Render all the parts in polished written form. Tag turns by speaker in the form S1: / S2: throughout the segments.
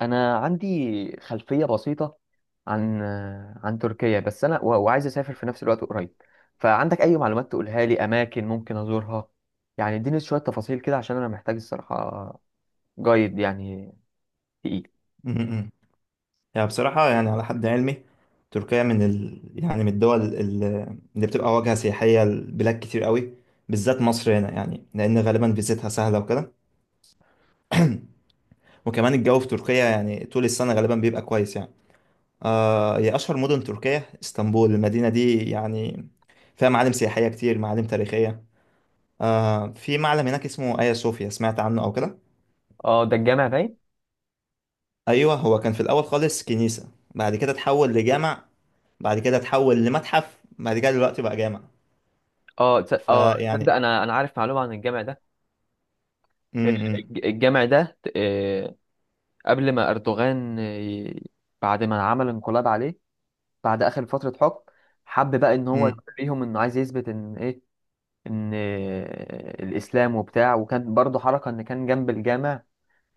S1: انا عندي خلفيه بسيطه عن عن تركيا، بس انا و- وعايز اسافر في نفس الوقت قريب. فعندك اي معلومات تقولها لي، اماكن ممكن ازورها؟ يعني اديني شويه تفاصيل كده عشان انا محتاج الصراحه، جايد يعني، تقيل.
S2: امم يعني بصراحة، يعني على حد علمي تركيا يعني من الدول اللي بتبقى واجهة سياحية لبلاد كتير قوي، بالذات مصر هنا، يعني لأن غالبا فيزتها سهلة وكده. وكمان الجو في تركيا يعني طول السنة غالبا بيبقى كويس يعني. هي أشهر مدن تركيا اسطنبول. المدينة دي يعني فيها معالم سياحية كتير، معالم تاريخية. في معلم هناك اسمه آيا صوفيا، سمعت عنه أو كده؟
S1: اه، ده الجامع باين.
S2: أيوه، هو كان في الأول خالص كنيسة، بعد كده اتحول لجامع، بعد كده اتحول لمتحف، بعد كده دلوقتي بقى جامع.
S1: تصدق
S2: فيعني
S1: انا عارف معلومه عن الجامع ده. آه،
S2: امم
S1: الجامع ده، قبل ما اردوغان، بعد ما عمل انقلاب عليه، بعد اخر فتره حكم، حب بقى ان هو
S2: امم
S1: يوريهم انه عايز يثبت ان ايه، ان الاسلام وبتاع. وكان برضو حركه ان كان جنب الجامع،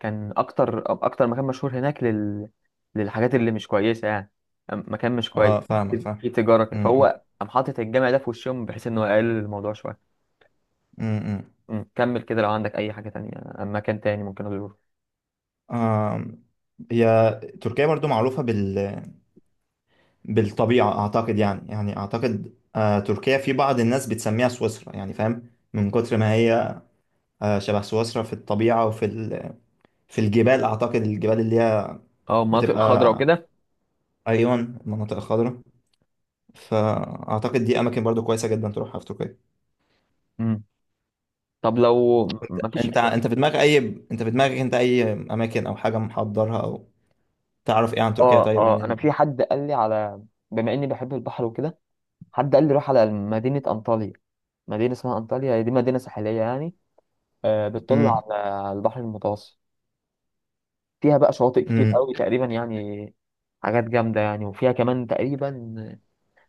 S1: كان اكتر مكان مشهور هناك للحاجات اللي مش كويسه، يعني مكان مش كويس،
S2: اه، فاهمك، فاهم.
S1: في تجاره كده.
S2: امم
S1: فهو قام حاطط الجامع ده في وشهم، بحيث انه يقلل الموضوع شويه.
S2: امم
S1: كمل كده لو عندك اي حاجه تانية، مكان تاني ممكن ازوره.
S2: آم، هي تركيا برضو معروفة بالطبيعة، أعتقد، يعني أعتقد، تركيا في بعض الناس بتسميها سويسرا، يعني فاهم، من كتر ما هي شبه سويسرا في الطبيعة وفي في الجبال. أعتقد الجبال اللي هي
S1: اه، المناطق الخضراء
S2: بتبقى،
S1: وكده.
S2: أيون، المناطق الخضراء. فأعتقد دي أماكن برضو كويسة جدا تروحها في تركيا.
S1: أمم. طب لو ما فيش.
S2: انت انت في دماغك اي انت في دماغك، انت، اي اماكن، او حاجه محضرها، او تعرف ايه عن تركيا؟
S1: اه
S2: طيب،
S1: اه، انا في حد قال لي على، بما اني بحب البحر وكده، حد قال لي روح على مدينه انطاليا. مدينة اسمها أنطاليا، هي دي مدينة ساحلية يعني، بتطل
S2: مم.
S1: على البحر المتوسط. فيها بقى شواطئ كتير
S2: مم.
S1: قوي تقريبا يعني، حاجات جامدة يعني. وفيها كمان تقريبا،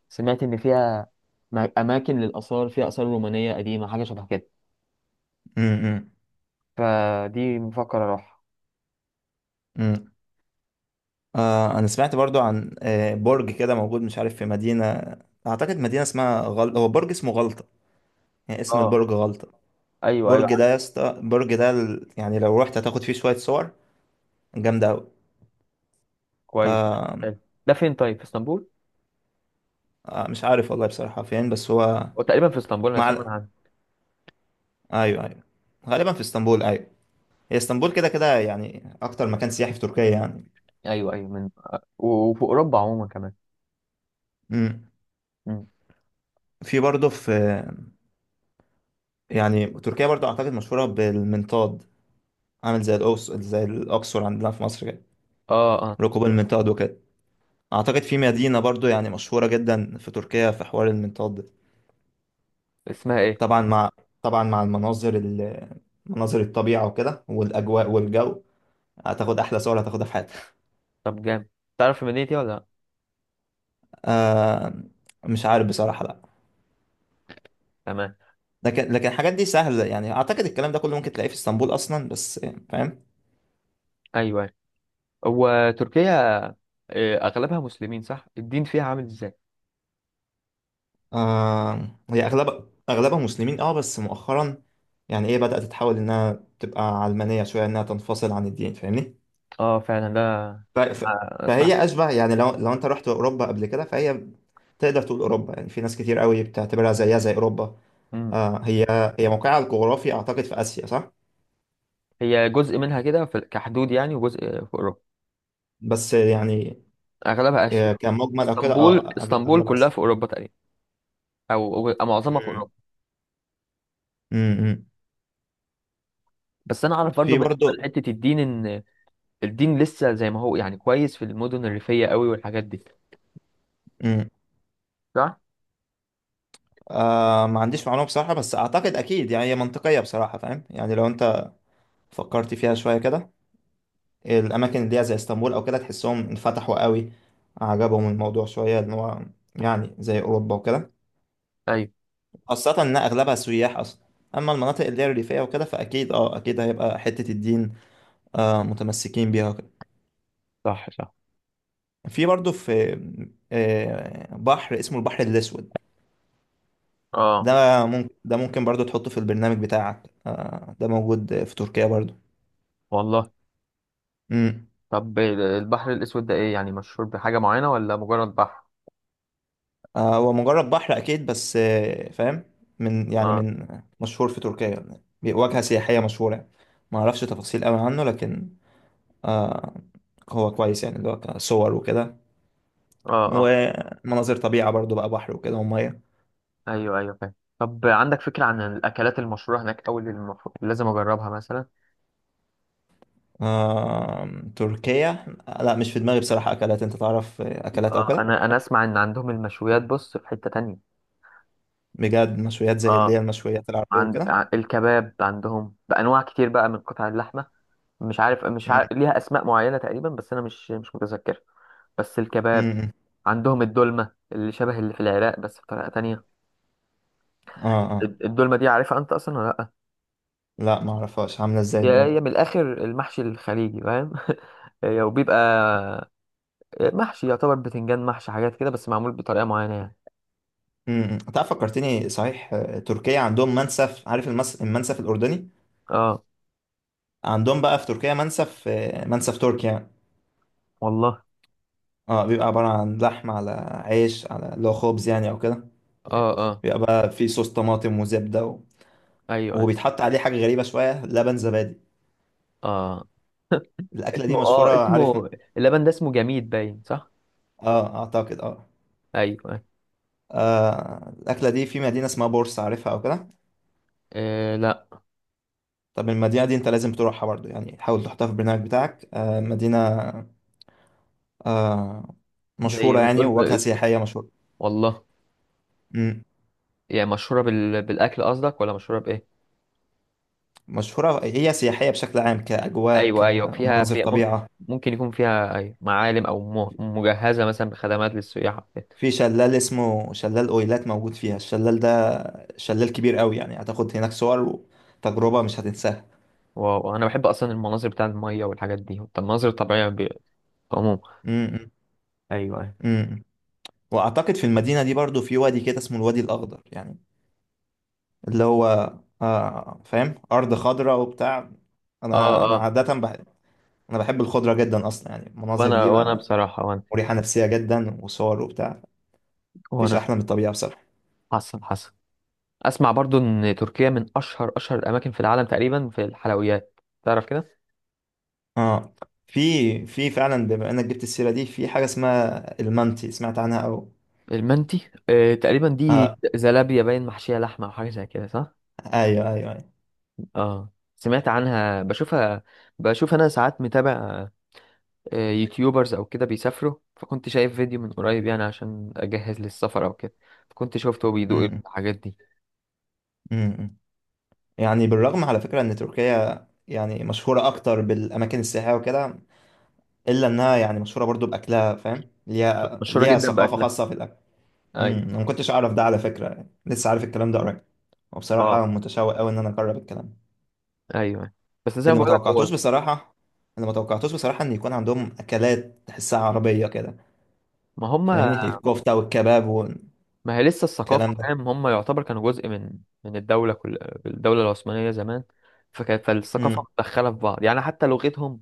S1: سمعت إن فيها أماكن للآثار، فيها آثار رومانية قديمة، حاجة شبه كده،
S2: مم. مم.
S1: فدي مفكر أروح.
S2: مم. انا سمعت برضو عن برج كده موجود، مش عارف في مدينه، اعتقد مدينه اسمها هو برج اسمه غلطه، يعني اسم
S1: اه،
S2: البرج غلطه.
S1: أيوه أيوه
S2: برج
S1: عارف.
S2: ده يا اسطى، برج ده يعني لو رحت هتاخد فيه شويه صور جامده قوي.
S1: كويس.
S2: آه
S1: حلو. ده فين طيب، في اسطنبول؟
S2: مش عارف والله بصراحه فين، بس هو
S1: وتقريبا في اسطنبول أنا
S2: مع
S1: سامع
S2: ال-
S1: عنه.
S2: ايوه، ايوه، غالبا في اسطنبول، ايوه. هي اسطنبول كده كده يعني اكتر مكان سياحي في تركيا يعني.
S1: أيوه أيوه، من وفي أوروبا عموما كمان.
S2: مم.
S1: مم.
S2: في برضه في يعني تركيا برضه اعتقد مشهوره بالمنطاد، عامل زي الأقصر، زي الاقصر عندنا في مصر كده.
S1: اه اه.
S2: ركوب المنطاد وكده. اعتقد في مدينه برضه يعني مشهوره جدا في تركيا في حوار المنطاد ده.
S1: اسمها إيه؟
S2: طبعا مع طبعا مع المناظر مناظر الطبيعه وكده، والاجواء والجو، هتاخد احلى صور هتاخدها في حياتك.
S1: طب جامد. تعرف المدينة دي ولا لأ؟
S2: آه مش عارف بصراحه، لا.
S1: تمام.
S2: لكن الحاجات دي سهله، يعني اعتقد الكلام ده كله ممكن تلاقيه في اسطنبول اصلا، بس فاهم.
S1: أيوه. هو تركيا، اغلبها مسلمين، صح؟ الدين فيها عامل ازاي؟
S2: هي أغلبها مسلمين، بس مؤخرا يعني، إيه، بدأت تتحول إنها تبقى علمانية شوية، إنها تنفصل عن الدين، فاهمني؟
S1: اه فعلا ده،
S2: ف... ف...
S1: أنا اسمع.
S2: فهي أشبه، يعني لو أنت رحت أوروبا قبل كده، فهي تقدر تقول أوروبا، يعني في ناس كتير قوي بتعتبرها زيها زي أوروبا.
S1: مم.
S2: آه هي هي موقعها الجغرافي أعتقد في آسيا، صح؟
S1: هي جزء منها كده، كحدود يعني، وجزء في اوروبا.
S2: بس يعني
S1: اغلبها اسيا.
S2: كمجمل أو كده،
S1: اسطنبول اسطنبول
S2: أغلب
S1: كلها
S2: آسيا.
S1: في اوروبا تقريبا، او معظمها في
S2: مم.
S1: اوروبا.
S2: مم.
S1: بس انا اعرف برضو
S2: في
S1: بالنسبه
S2: برضو
S1: لحته الدين ان الدين لسه زي ما هو، يعني كويس في المدن الريفيه قوي والحاجات دي.
S2: مم.
S1: صح.
S2: ما عنديش معلومة بصراحة، بس أعتقد أكيد، يعني هي منطقية بصراحة، فاهم؟ يعني لو أنت فكرت فيها شوية كده، الأماكن اللي هي زي اسطنبول أو كده تحسهم انفتحوا قوي، عجبهم الموضوع شوية إن هو يعني زي أوروبا وكده،
S1: ايوه
S2: خاصة إن أغلبها سياح أصلا. أما المناطق اللي هي الريفية وكده، فأكيد، أه أكيد هيبقى حتة الدين، متمسكين بيها وكده.
S1: صح صح.
S2: في بحر اسمه البحر الأسود.
S1: اه.
S2: ده ممكن برضه تحطه في البرنامج بتاعك، ده موجود في تركيا برضه.
S1: والله.
S2: مم.
S1: طب البحر الاسود ده ايه يعني، مشهور بحاجه معينه ولا مجرد بحر؟
S2: هو مجرد بحر اكيد، بس فاهم، من يعني
S1: اه
S2: من مشهور في تركيا يعني، واجهة سياحية مشهورة يعني. ما اعرفش تفاصيل قوي عنه، لكن آه هو كويس يعني، اللي هو كصور وكده،
S1: اه اه.
S2: ومناظر طبيعة برضو، بقى بحر وكده ومية.
S1: ايوه ايوه فاهم. طب عندك فكرة عن الاكلات المشهورة هناك، او اللي المفروض لازم اجربها مثلا؟
S2: آه تركيا، لا، مش في دماغي بصراحة اكلات، انت تعرف، اكلات او
S1: اه،
S2: كده.
S1: انا اسمع ان عندهم المشويات، بص في حتة تانية.
S2: بجد، مشويات زي اللي هي
S1: اه.
S2: المشويات العربية وكده.
S1: الكباب عندهم بانواع كتير، بقى من قطع اللحمة، مش عارف مش عارف
S2: م-
S1: ليها اسماء معينة تقريبا، بس انا مش متذكر. بس
S2: م-
S1: الكباب.
S2: م.
S1: عندهم الدولمة، اللي شبه اللي في العراق، بس بطريقة تانية.
S2: اه، اه،
S1: الدولمة دي عارفها انت اصلا ولا لا؟
S2: لا، ما اعرفهاش، عاملة ازاي
S1: هي
S2: الدنيا؟
S1: من الاخر المحشي الخليجي، فاهم؟ هي وبيبقى محشي، يعتبر بتنجان محشي حاجات كده، بس معمول بطريقة معينة يعني.
S2: امم. امم. تعرف فكرتني صحيح، تركيا عندهم منسف. عارف المنسف الأردني؟
S1: اه.
S2: عندهم بقى في تركيا منسف، منسف تركي يعني.
S1: والله.
S2: اه، بيبقى عبارة عن لحمة على عيش، على اللي هو خبز يعني أو كده،
S1: اه اه
S2: بيبقى بقى فيه صوص طماطم وزبدة
S1: ايوه ايوه.
S2: وبيتحط عليه حاجة غريبة شوية، لبن زبادي.
S1: اه.
S2: الأكلة
S1: اسمه
S2: دي
S1: اه
S2: مشهورة، عارف.
S1: اسمه اللبن ده اسمه جميد باين، صح؟
S2: اه، أعتقد، اه.
S1: ايوه ايوه.
S2: الأكلة دي في مدينة اسمها بورس، عارفها أو كده؟
S1: آه لا.
S2: طب المدينة دي أنت لازم تروحها برضو، يعني حاول تحطها في البرنامج بتاعك. مدينة آه،
S1: زي
S2: مشهورة
S1: ما
S2: يعني،
S1: تقول
S2: وواجهة
S1: ب-
S2: سياحية مشهورة.
S1: والله.
S2: مم.
S1: يعني مشهورة بالاكل قصدك، ولا مشهورة بايه؟
S2: مشهورة، هي سياحية بشكل عام، كأجواء،
S1: ايوه ايوه، فيها
S2: كمناظر
S1: فيها
S2: طبيعة.
S1: ممكن يكون فيها، ايوه، معالم او مجهزة مثلا بخدمات للسياح أو كده.
S2: في شلال اسمه شلال أويلات موجود فيها، الشلال ده شلال كبير قوي يعني، هتاخد هناك صور وتجربة مش هتنساها.
S1: واو، انا بحب اصلا المناظر بتاع المية والحاجات دي. طب المناظر الطبيعية عموما.
S2: مم.
S1: ايوه ايوه.
S2: مم. وأعتقد في المدينة دي برضو في وادي كده اسمه الوادي الأخضر يعني، اللي هو، فاهم، أرض خضراء وبتاع.
S1: اه
S2: أنا أنا
S1: اه.
S2: عادة بحب أنا بحب الخضرة جدا أصلا، يعني المناظر
S1: وانا
S2: دي
S1: وانا
S2: بقى
S1: بصراحة.
S2: مريحة نفسية جدا، وصور وبتاع، مفيش
S1: وانا.
S2: أحلى من الطبيعة بصراحة.
S1: حسن حسن. اسمع برضو ان تركيا من اشهر الاماكن في العالم تقريبا في الحلويات، تعرف كده.
S2: اه، في في فعلا، بما انك جبت السيره دي، في حاجه اسمها المنتي، سمعت عنها او...
S1: المنتي، تقريبا دي
S2: اه،
S1: زلابيا باين محشيه لحمه او حاجه زي كده، صح؟
S2: ايوه، ايوه، ايوه.
S1: اه. سمعت عنها، بشوفها. بشوف انا ساعات متابع يوتيوبرز او كده بيسافروا، فكنت شايف فيديو من قريب، يعني عشان اجهز للسفر او كده. فكنت شفته بيدوق
S2: امم.
S1: الحاجات دي.
S2: امم. يعني بالرغم على فكره ان تركيا يعني مشهوره اكتر بالاماكن السياحيه وكده، الا انها يعني مشهوره برضو باكلها، فاهم،
S1: مشهوره
S2: ليها
S1: جدا
S2: ثقافه
S1: باكلها.
S2: خاصه في الاكل.
S1: ايوه.
S2: انا ما كنتش اعرف ده على فكره، يعني لسه عارف الكلام ده قريب،
S1: اه.
S2: وبصراحه متشوق قوي ان انا اجرب الكلام
S1: ايوه. بس زي ما
S2: اللي ما
S1: بقولك
S2: توقعتوش
S1: هو.
S2: بصراحه ان يكون عندهم اكلات تحسها عربيه كده،
S1: ما هم.
S2: فاهمني، الكفتة والكباب
S1: ما هي لسه الثقافة،
S2: والكلام ده.
S1: فاهم؟ هم يعتبر كانوا جزء من الدولة، كل الدولة العثمانية زمان. فالثقافة
S2: امم
S1: متدخلة في بعض، يعني حتى لغتهم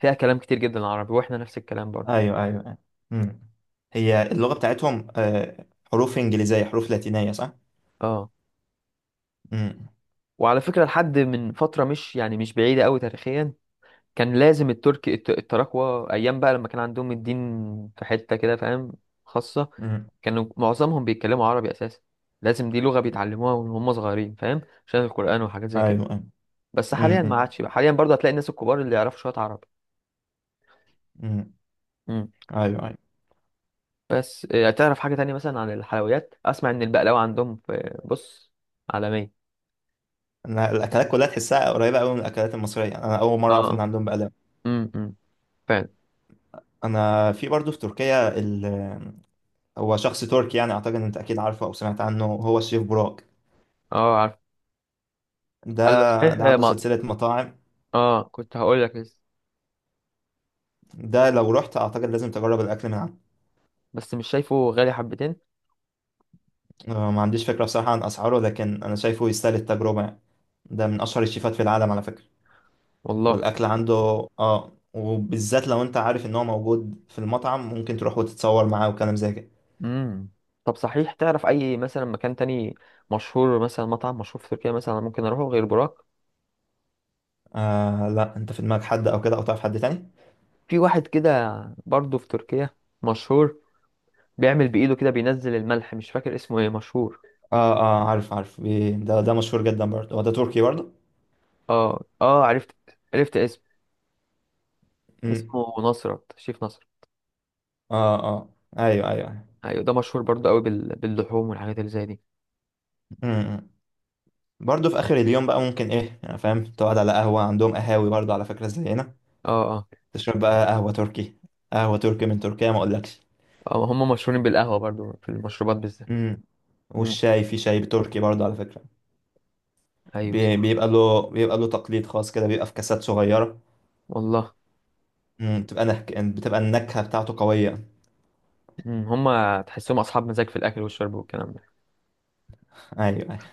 S1: فيها كلام كتير جدا عربي، واحنا نفس الكلام برضه.
S2: ايوه، ايوه، أيوة. امم هي اللغة بتاعتهم، حروف انجليزية، حروف لاتينية، صح؟
S1: اه.
S2: امم.
S1: وعلى فكرة لحد من فترة مش، يعني مش بعيدة قوي تاريخيا، كان لازم الترك التراكوة أيام بقى لما كان عندهم الدين في حتة كده، فاهم؟ خاصة
S2: امم.
S1: كانوا معظمهم بيتكلموا عربي أساسا، لازم دي لغة بيتعلموها وهم صغيرين، فاهم؟ عشان القرآن وحاجات زي كده.
S2: ايوه، ايوه.
S1: بس حاليا ما
S2: امم.
S1: عادش بقى، حاليا برضه هتلاقي الناس الكبار اللي يعرفوا شوية عربي.
S2: امم.
S1: مم.
S2: ايوه، ايوه.
S1: بس تعرف حاجة تانية مثلا عن الحلويات، أسمع إن البقلاوة عندهم في بص عالمية.
S2: انا الاكلات كلها تحسها قريبة قوي من الاكلات المصرية، يعني انا اول مرة اعرف ان
S1: اه.
S2: عندهم بقلاوة.
S1: امم. أمم. فعلا.
S2: انا في برضه في تركيا ال... آه، هو شخص تركي يعني، اعتقد إن انت اكيد عارفه او سمعت عنه، هو الشيف براك.
S1: اه عارف. قال لك
S2: ده
S1: صحيح
S2: ده
S1: آه،
S2: عنده
S1: ما
S2: سلسلة مطاعم،
S1: اه كنت هقول لك لسه.
S2: ده لو رحت اعتقد لازم تجرب الاكل من عنده.
S1: بس مش شايفه غالي حبتين.
S2: ما عنديش فكرة بصراحة عن أسعاره، لكن أنا شايفه يستاهل التجربة يعني. ده من أشهر الشيفات في العالم على فكرة،
S1: والله.
S2: والأكل عنده، وبالذات لو أنت عارف إن هو موجود في المطعم، ممكن تروح وتتصور معاه وكلام زي كده.
S1: امم. طب صحيح، تعرف أي مثلا مكان تاني مشهور، مثلا مطعم مشهور في تركيا مثلا ممكن أروحه غير براك؟
S2: لا، أنت في دماغك حد أو كده، أو تعرف حد تاني؟
S1: في واحد كده برضه في تركيا، مشهور بيعمل بإيده كده بينزل الملح، مش فاكر اسمه ايه، مشهور.
S2: عارف، عارف، ده، مشهور جدا برضه، هو ده تركي برضه.
S1: اه اه عرفت. عرفت اسمه.
S2: أمم.
S1: اسمه نصرت، شيف نصر.
S2: آه آه أيوه، أيوه، أيوه.
S1: ايوه ده مشهور برضو قوي باللحوم والحاجات اللي زي دي.
S2: أمم. برضه في آخر اليوم بقى ممكن إيه، يعني فاهم تقعد على قهوة، عندهم قهاوي برضه على فكرة زي هنا،
S1: اه اه.
S2: تشرب بقى قهوة تركي. قهوة تركي من تركيا ما أقولكش.
S1: هم مشهورين بالقهوه برضو، في المشروبات بالذات.
S2: امم.
S1: مم.
S2: والشاي، في شاي تركي برضه على فكرة.
S1: ايوه صح.
S2: بيبقى له تقليد خاص كده، بيبقى في كاسات صغيرة.
S1: والله.
S2: بتبقى النكهة بتاعته قوية.
S1: مم. هم تحسهم اصحاب مزاج في الاكل والشرب والكلام ده.
S2: ايوه.